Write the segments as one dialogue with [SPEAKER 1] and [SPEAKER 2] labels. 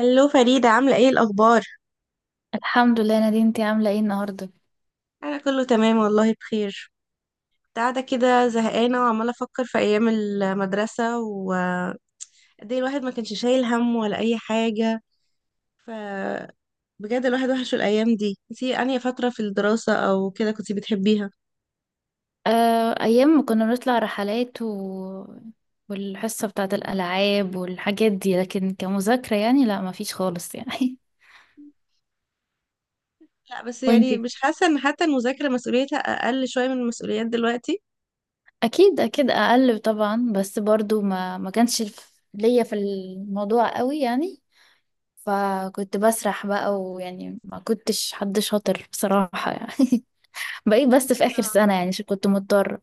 [SPEAKER 1] هلو فريدة، عاملة ايه الأخبار؟
[SPEAKER 2] الحمد لله يا نادين، انتي عاملة ايه النهاردة؟
[SPEAKER 1] أنا كله تمام والله، بخير. كنت قاعدة كده زهقانة وعمالة أفكر في أيام المدرسة، وقد ايه الواحد ما كانش شايل هم ولا أي حاجة. فبجد الواحد وحش الأيام دي. انتي أنهي فترة في الدراسة أو كده كنتي بتحبيها؟
[SPEAKER 2] آه، أيام ما كنا بنطلع رحلات والحصة بتاعة الألعاب والحاجات دي، لكن كمذاكرة يعني لا، ما فيش خالص يعني.
[SPEAKER 1] لا بس يعني
[SPEAKER 2] وانتي؟
[SPEAKER 1] مش حاسة إن حتى المذاكرة مسؤوليتها أقل شوية من المسؤوليات دلوقتي.
[SPEAKER 2] أكيد أكيد أقل طبعا، بس برضو ما كانش ليا في الموضوع قوي يعني. فكنت بسرح بقى، ويعني ما كنتش حد شاطر بصراحة يعني. بقيت بس في آخر
[SPEAKER 1] آه.
[SPEAKER 2] سنة يعني، عشان كنت مضطرة.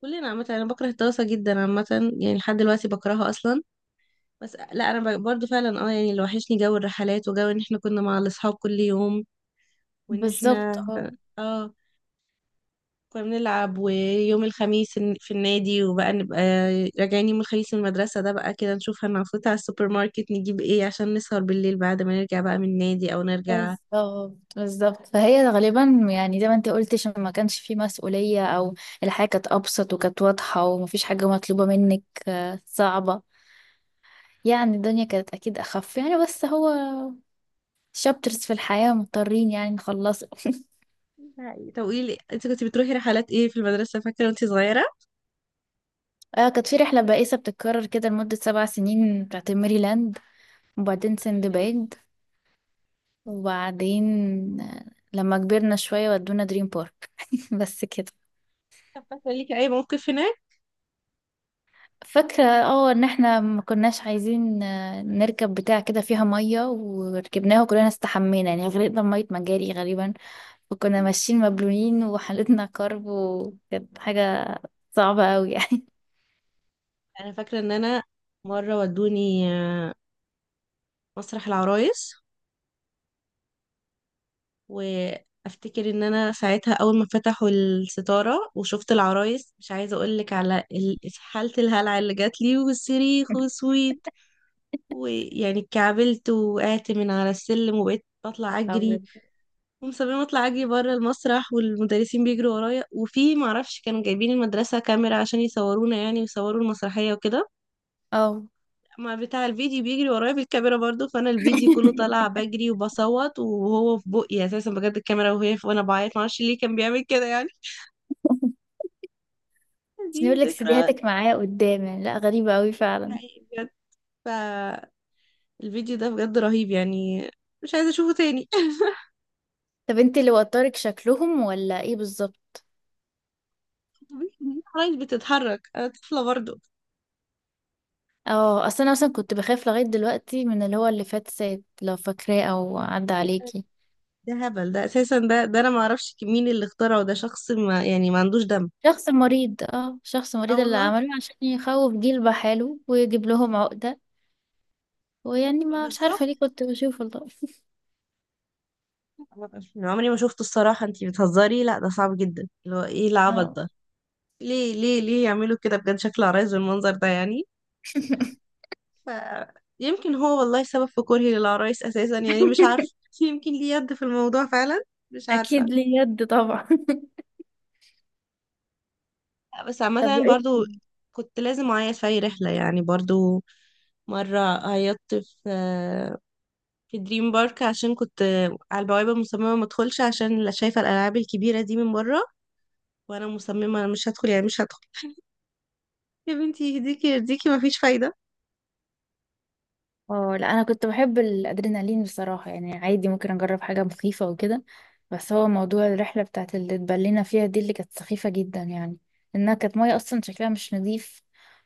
[SPEAKER 1] كلنا عامة، أنا بكره الدراسة جدا عامة، يعني لحد دلوقتي بكرهها أصلا. بس لا، انا برضو فعلا اه يعني اللي وحشني جو الرحلات وجو ان احنا كنا مع الاصحاب كل يوم. وان
[SPEAKER 2] بالظبط،
[SPEAKER 1] احنا اه كنا بنلعب، ويوم الخميس في النادي. وبقى نبقى راجعين يوم الخميس من المدرسة، ده بقى كده نشوف هنفوت على السوبر ماركت نجيب ايه عشان نسهر بالليل بعد ما نرجع بقى من النادي او نرجع.
[SPEAKER 2] بالظبط، بالظبط. فهي غالبا يعني زي ما انت قلت، عشان ما كانش في مسؤولية، او الحياة كانت ابسط وكانت واضحة ومفيش حاجة مطلوبة منك صعبة. يعني الدنيا كانت اكيد اخف يعني، بس هو شابترز في الحياة مضطرين يعني نخلصه.
[SPEAKER 1] طب قولي لي انت كنت بتروحي رحلات ايه في المدرسة، فاكرة وانت صغيرة؟
[SPEAKER 2] آه، كانت في رحلة بائسة بتتكرر كده لمدة 7 سنين، بتاعت ميريلاند. وبعدين سندباد. وبعدين آه، لما كبرنا شوية ودونا دريم بارك. بس كده.
[SPEAKER 1] طب فاكرة ليكي اي موقف هناك؟
[SPEAKER 2] فاكرة ان احنا ما كناش عايزين نركب بتاع كده فيها مية، وركبناه وكلنا استحمينا يعني، غرقنا بمية مجاري غالبا. وكنا ماشيين مبلولين وحالتنا كرب، وكانت حاجة صعبة قوي يعني.
[SPEAKER 1] انا فاكرة ان انا مرة ودوني مسرح العرايس. وافتكر ان انا ساعتها اول ما فتحوا الستاره وشفت العرايس، مش عايزه اقول لك على حاله الهلع اللي جات لي والصريخ والسويت. ويعني اتكعبلت، وقعت من على السلم وبقيت بطلع اجري.
[SPEAKER 2] أبيض.
[SPEAKER 1] ومصممه اطلع اجري بره المسرح، والمدرسين بيجروا ورايا. وفي معرفش كانوا جايبين المدرسه كاميرا عشان يصورونا يعني، ويصوروا المسرحيه وكده.
[SPEAKER 2] اه،
[SPEAKER 1] ما بتاع الفيديو بيجري ورايا بالكاميرا برضو، فانا الفيديو كله طالع بجري وبصوت. وهو في بقي اساسا بجد الكاميرا وهي في وانا بعيط، معرفش ليه كان بيعمل كده يعني.
[SPEAKER 2] عشان
[SPEAKER 1] دي
[SPEAKER 2] يقول لك
[SPEAKER 1] ذكرى
[SPEAKER 2] سيديهاتك معايا قدام يعني. لا، غريبة قوي فعلا.
[SPEAKER 1] حقيقي بجد. فالفيديو ده بجد رهيب يعني. مش عايزه اشوفه تاني.
[SPEAKER 2] طب انت اللي وترك شكلهم ولا ايه بالظبط؟
[SPEAKER 1] العرايس بتتحرك، انا طفله برضو.
[SPEAKER 2] اه، اصل انا مثلا كنت بخاف لغاية دلوقتي من اللي هو اللي فات سات لو فاكراه او عدى عليكي.
[SPEAKER 1] ده هبل، ده اساسا ده انا ما اعرفش مين اللي اخترعه. ده شخص ما يعني ما عندوش دم.
[SPEAKER 2] شخص مريض، اه، شخص
[SPEAKER 1] اه
[SPEAKER 2] مريض اللي
[SPEAKER 1] والله.
[SPEAKER 2] عمله، عشان يخوف جيل بحاله ويجيب لهم عقدة. ويعني ما مش عارفة
[SPEAKER 1] بالظبط.
[SPEAKER 2] ليه كنت بشوف، والله.
[SPEAKER 1] أنا عمري ما شفته الصراحه. انتي بتهزري؟ لا ده صعب جدا. اللي هو ايه العبط
[SPEAKER 2] اه.
[SPEAKER 1] ده؟ ليه ليه ليه يعملوا كده بجد؟ شكل العرايس بالمنظر ده يعني. ف يمكن هو والله سبب في كرهي للعرايس اساسا يعني، مش عارفه. يمكن ليه يد في الموضوع فعلا. مش عارفه.
[SPEAKER 2] اكيد ليه يد طبعا.
[SPEAKER 1] لا، بس
[SPEAKER 2] طب
[SPEAKER 1] عامه
[SPEAKER 2] وايه
[SPEAKER 1] برضو.
[SPEAKER 2] تاني؟
[SPEAKER 1] كنت لازم اعيط في اي رحله يعني برضو. مره عيطت في في دريم بارك، عشان كنت على البوابه مصممه ما ادخلش، عشان لا شايفه الالعاب الكبيره دي من بره. وانا مصممه انا مش هدخل يعني مش هدخل. يا بنتي يهديكي يرضيكي، مفيش فايده.
[SPEAKER 2] اه، لا، انا كنت بحب الادرينالين بصراحة يعني، عادي ممكن اجرب حاجة مخيفة وكده. بس هو موضوع الرحلة بتاعت اللي اتبلينا فيها دي، اللي كانت سخيفة جدا يعني. انها كانت مية اصلا شكلها مش نظيف،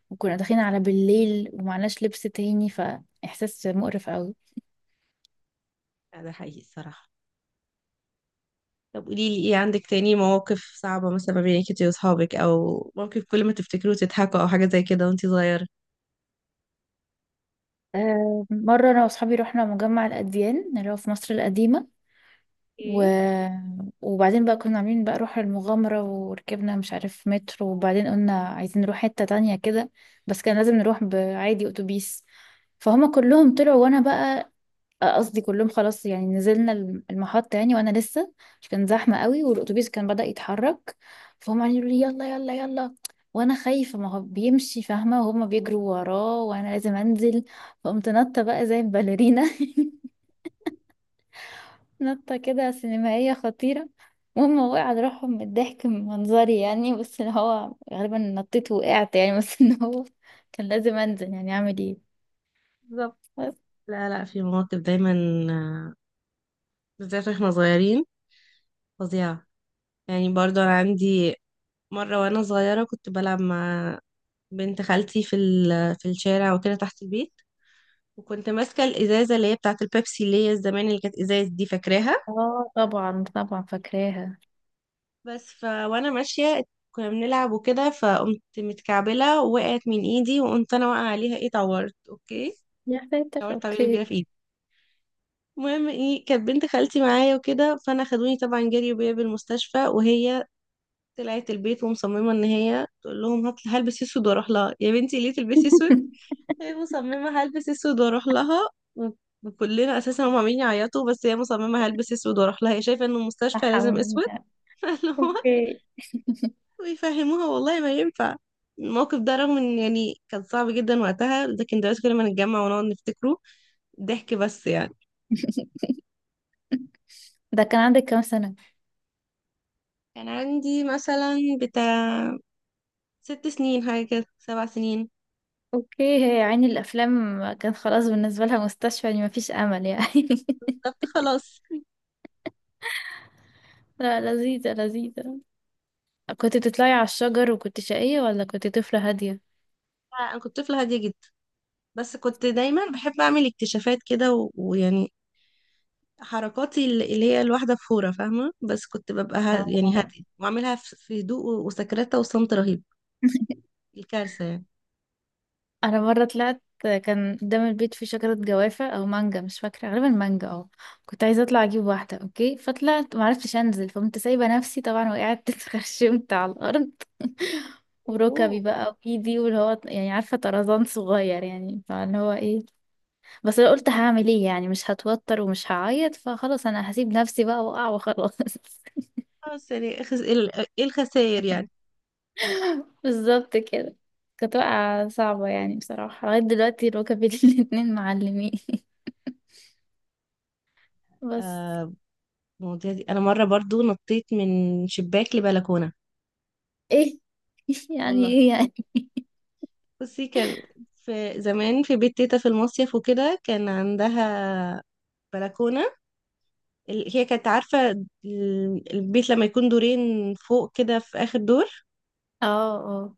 [SPEAKER 2] وكنا داخلين على بالليل ومعناش لبس تاني، فاحساس مقرف.
[SPEAKER 1] لا، ده حقيقي الصراحه. طب قولي لي ايه عندك تاني مواقف صعبة، مثلا ما بينك انتي واصحابك، او موقف كل ما تفتكروه تضحكوا او حاجة زي كده وانتي صغيرة؟
[SPEAKER 2] آه، مرة أنا وأصحابي رحنا مجمع الأديان اللي هو في مصر القديمة و...
[SPEAKER 1] ايه.
[SPEAKER 2] وبعدين بقى كنا عاملين بقى روح المغامرة، وركبنا مش عارف مترو، وبعدين قلنا عايزين نروح حتة تانية كده. بس كان لازم نروح بعادي أتوبيس. فهم كلهم طلعوا وأنا بقى قصدي كلهم خلاص يعني، نزلنا المحطة يعني وانا لسه. مش كان زحمة قوي والاتوبيس كان بدأ يتحرك. فهم قاعدين يقولوا لي يلا يلا يلا، وانا خايفة ما هو بيمشي فاهمة، وهما بيجروا وراه وانا لازم انزل. فقمت نطة بقى زي الباليرينا. نطة كده سينمائية خطيرة. المهم وقع على روحهم من الضحك من منظري يعني، بس اللي هو غالبا نطيت وقعت يعني. بس ان هو كان لازم انزل، يعني اعمل ايه؟
[SPEAKER 1] بالظبط.
[SPEAKER 2] بس،
[SPEAKER 1] لا لا، في مواقف دايما. آه، بالذات واحنا صغيرين، فظيعة. يعني برضو انا عندي مرة وانا صغيرة، كنت بلعب مع بنت خالتي في في الشارع وكده تحت البيت. وكنت ماسكة الإزازة اللي هي بتاعة البيبسي، اللي هي زمان اللي كانت إزاز، دي فاكراها.
[SPEAKER 2] اه، طبعا طبعا فاكراها.
[SPEAKER 1] بس ف وانا ماشيه كنا بنلعب وكده، فقمت متكعبله ووقعت من ايدي، وقمت انا واقعه عليها. ايه طورت، اوكي.
[SPEAKER 2] يا ساتر،
[SPEAKER 1] طورت تعويله كبيره
[SPEAKER 2] اوكي.
[SPEAKER 1] في ايدي. المهم ايه، كانت بنت خالتي معايا وكده، فانا خدوني طبعا جري بيا بالمستشفى. وهي طلعت البيت ومصممه ان هي تقول لهم هات هلبس اسود واروح لها. يا بنتي ليه تلبسي اسود؟ هي مصممه هلبس اسود واروح لها. و- وكلنا اساسا هم عاملين يعيطوا، بس هي مصممه هلبس اسود واروح لها. هي شايفه ان
[SPEAKER 2] صح
[SPEAKER 1] المستشفى لازم
[SPEAKER 2] الحمد
[SPEAKER 1] اسود.
[SPEAKER 2] لله. اوكي.
[SPEAKER 1] ويفهموها والله ما ينفع. الموقف ده رغم ان يعني كان صعب جدا وقتها، لكن دلوقتي كل ما نتجمع ونقعد نفتكره، ضحك بس يعني.
[SPEAKER 2] ده كان عندك كام سنة؟
[SPEAKER 1] كان عندي مثلا بتاع 6 سنين حاجة كده، 7 سنين.
[SPEAKER 2] اوكي، هي عيني الافلام كان خلاص بالنسبة لها مستشفى، يعني مفيش امل يعني.
[SPEAKER 1] بالظبط. خلاص.
[SPEAKER 2] لا، لذيذة لذيذة. كنت بتطلعي على الشجر وكنت شقية، ولا كنت طفلة هادية؟
[SPEAKER 1] انا كنت طفلة هادية جدا، بس كنت دايما بحب اعمل اكتشافات كده، ويعني حركاتي اللي هي الواحدة فورة فاهمة. بس كنت ببقى ها يعني
[SPEAKER 2] اه.
[SPEAKER 1] هادية، واعملها في هدوء وسكرتة وصمت رهيب. الكارثة يعني.
[SPEAKER 2] انا مره طلعت كان قدام البيت في شجره جوافه او مانجا، مش فاكره، غالبا مانجا اه. كنت عايزه اطلع اجيب واحده، اوكي، فطلعت ما عرفتش انزل، فقمت سايبه نفسي طبعا وقعت. اتخرشمت على الارض. وركبي
[SPEAKER 1] اوهو.
[SPEAKER 2] بقى وايدي، واللي هو يعني عارفه طرزان صغير يعني، فاللي هو ايه. بس أنا قلت هعمل ايه يعني، مش هتوتر ومش هعيط، فخلاص انا هسيب نفسي بقى واقع وخلاص.
[SPEAKER 1] خلاص يعني ايه الخسائر يعني.
[SPEAKER 2] بالظبط كده. كانت واقعة صعبة يعني بصراحة، لغاية دلوقتي ركبي الاتنين معلمين. بس.
[SPEAKER 1] آه. المواضيع دي، انا مره برضو نطيت من شباك لبلكونه.
[SPEAKER 2] ايه؟ يعني
[SPEAKER 1] والله
[SPEAKER 2] ايه يعني؟
[SPEAKER 1] بصي، كان في زمان في بيت تيتا في المصيف وكده، كان عندها بلكونه. هي كانت عارفه البيت لما يكون دورين فوق كده في اخر دور.
[SPEAKER 2] اه، اه،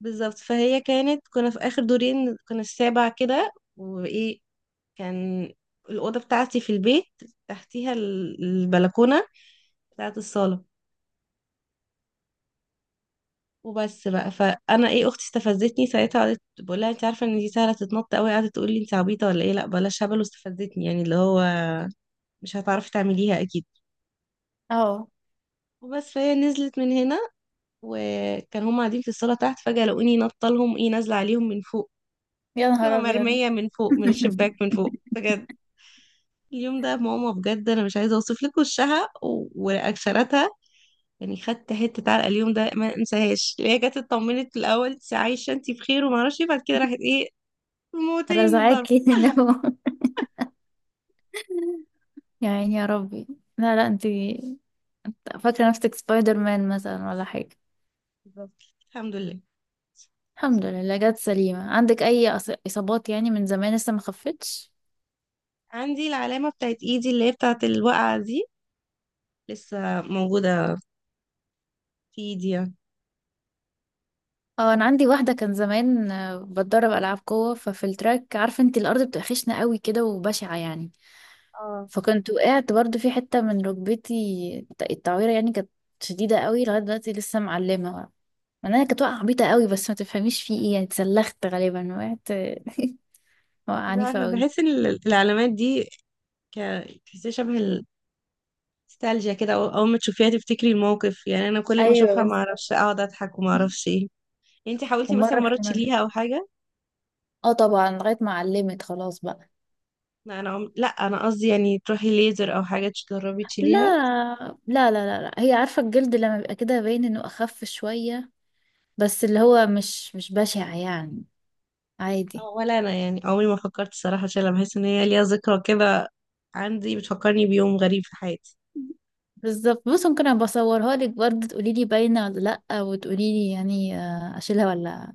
[SPEAKER 1] بالظبط. فهي كانت كنا في اخر دورين، كنا السابع كده. وايه، كان الاوضه بتاعتي في البيت تحتيها البلكونه بتاعت الصاله وبس بقى. فانا ايه، اختي استفزتني ساعتها، قعدت بقول لها انت عارفه ان دي سهله تتنط قوي، قعدت تقول لي انت عبيطه ولا ايه، لا بلاش هبل. واستفزتني يعني اللي هو، مش هتعرفي تعمليها اكيد.
[SPEAKER 2] اه.
[SPEAKER 1] وبس فهي نزلت من هنا. وكان هم قاعدين في الصاله تحت، فجاه لقوني نطه لهم، ايه نازله عليهم من فوق.
[SPEAKER 2] يا
[SPEAKER 1] اللي هو
[SPEAKER 2] نهار ابيض.
[SPEAKER 1] مرميه من فوق من الشباك من فوق بجد. اليوم ده ماما بجد انا مش عايزه اوصف لك وشها ورياكشناتها يعني. خدت حته علقه. اليوم ده ما انساهاش، اللي هي جت اطمنت في الاول انت عايشه انت بخير، وما اعرفش إيه، بعد كده راحت ايه وموتني من الضرب.
[SPEAKER 2] رزعاكي، لو يعني يا ربي. لا، لا، انتي، انت فاكرة نفسك سبايدر مان مثلا ولا حاجة؟
[SPEAKER 1] بالظبط. الحمد لله.
[SPEAKER 2] الحمد لله جت سليمة. عندك أي إصابات يعني من زمان لسه ما خفتش؟
[SPEAKER 1] عندي العلامة بتاعت ايدي اللي هي بتاعت الوقعة دي، لسه موجودة في ايدي يعني.
[SPEAKER 2] اه، أنا عندي واحدة كان زمان بتدرب ألعاب قوة، ففي التراك عارفة انتي الأرض بتبقى خشنة قوي كده وبشعة يعني.
[SPEAKER 1] اه.
[SPEAKER 2] فكنت وقعت برضو في حتة من ركبتي. التعويرة يعني كانت شديدة قوي. لغاية دلوقتي لسه معلمة، مع انها كانت وقعة عبيطة قوي، بس ما تفهميش في ايه يعني، اتسلخت غالبا، وقعت وقعة
[SPEAKER 1] مش
[SPEAKER 2] عنيفة
[SPEAKER 1] عارفة
[SPEAKER 2] قوي.
[SPEAKER 1] بحس ان العلامات دي ك تحسيها شبه النوستالجيا كده، اول ما تشوفيها تفتكري الموقف يعني. انا كل ما
[SPEAKER 2] ايوه
[SPEAKER 1] اشوفها ما
[SPEAKER 2] بالظبط.
[SPEAKER 1] اعرفش اقعد اضحك وما اعرفش ايه. انتي حاولتي مثلا
[SPEAKER 2] ومرة
[SPEAKER 1] مرة
[SPEAKER 2] في مجلس.
[SPEAKER 1] تشيليها او حاجة؟
[SPEAKER 2] اه طبعا، لغاية ما علمت خلاص بقى.
[SPEAKER 1] لا انا لا انا قصدي يعني تروحي ليزر او حاجة تجربي
[SPEAKER 2] لا،
[SPEAKER 1] تشيليها.
[SPEAKER 2] لا، لا، لا، لا. هي عارفة الجلد لما بيبقى كده باين انه اخف شوية. بس اللي هو مش بشع يعني. عادي.
[SPEAKER 1] ولا انا يعني عمري ما فكرت الصراحة اشيلها، بحس ان هي ليها ذكرى كده. عندي، بتفكرني بيوم غريب في حياتي.
[SPEAKER 2] بالظبط، بص ممكن ابقى اصورها لك برضه تقولي لي باينه ولا لا، وتقولي لي يعني اشيلها، ولا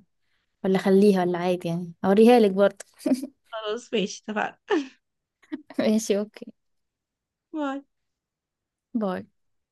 [SPEAKER 2] ولا اخليها ولا عادي يعني. اوريها لك برضه.
[SPEAKER 1] خلاص ماشي، اتفقنا.
[SPEAKER 2] ماشي اوكي.
[SPEAKER 1] باي.
[SPEAKER 2] باي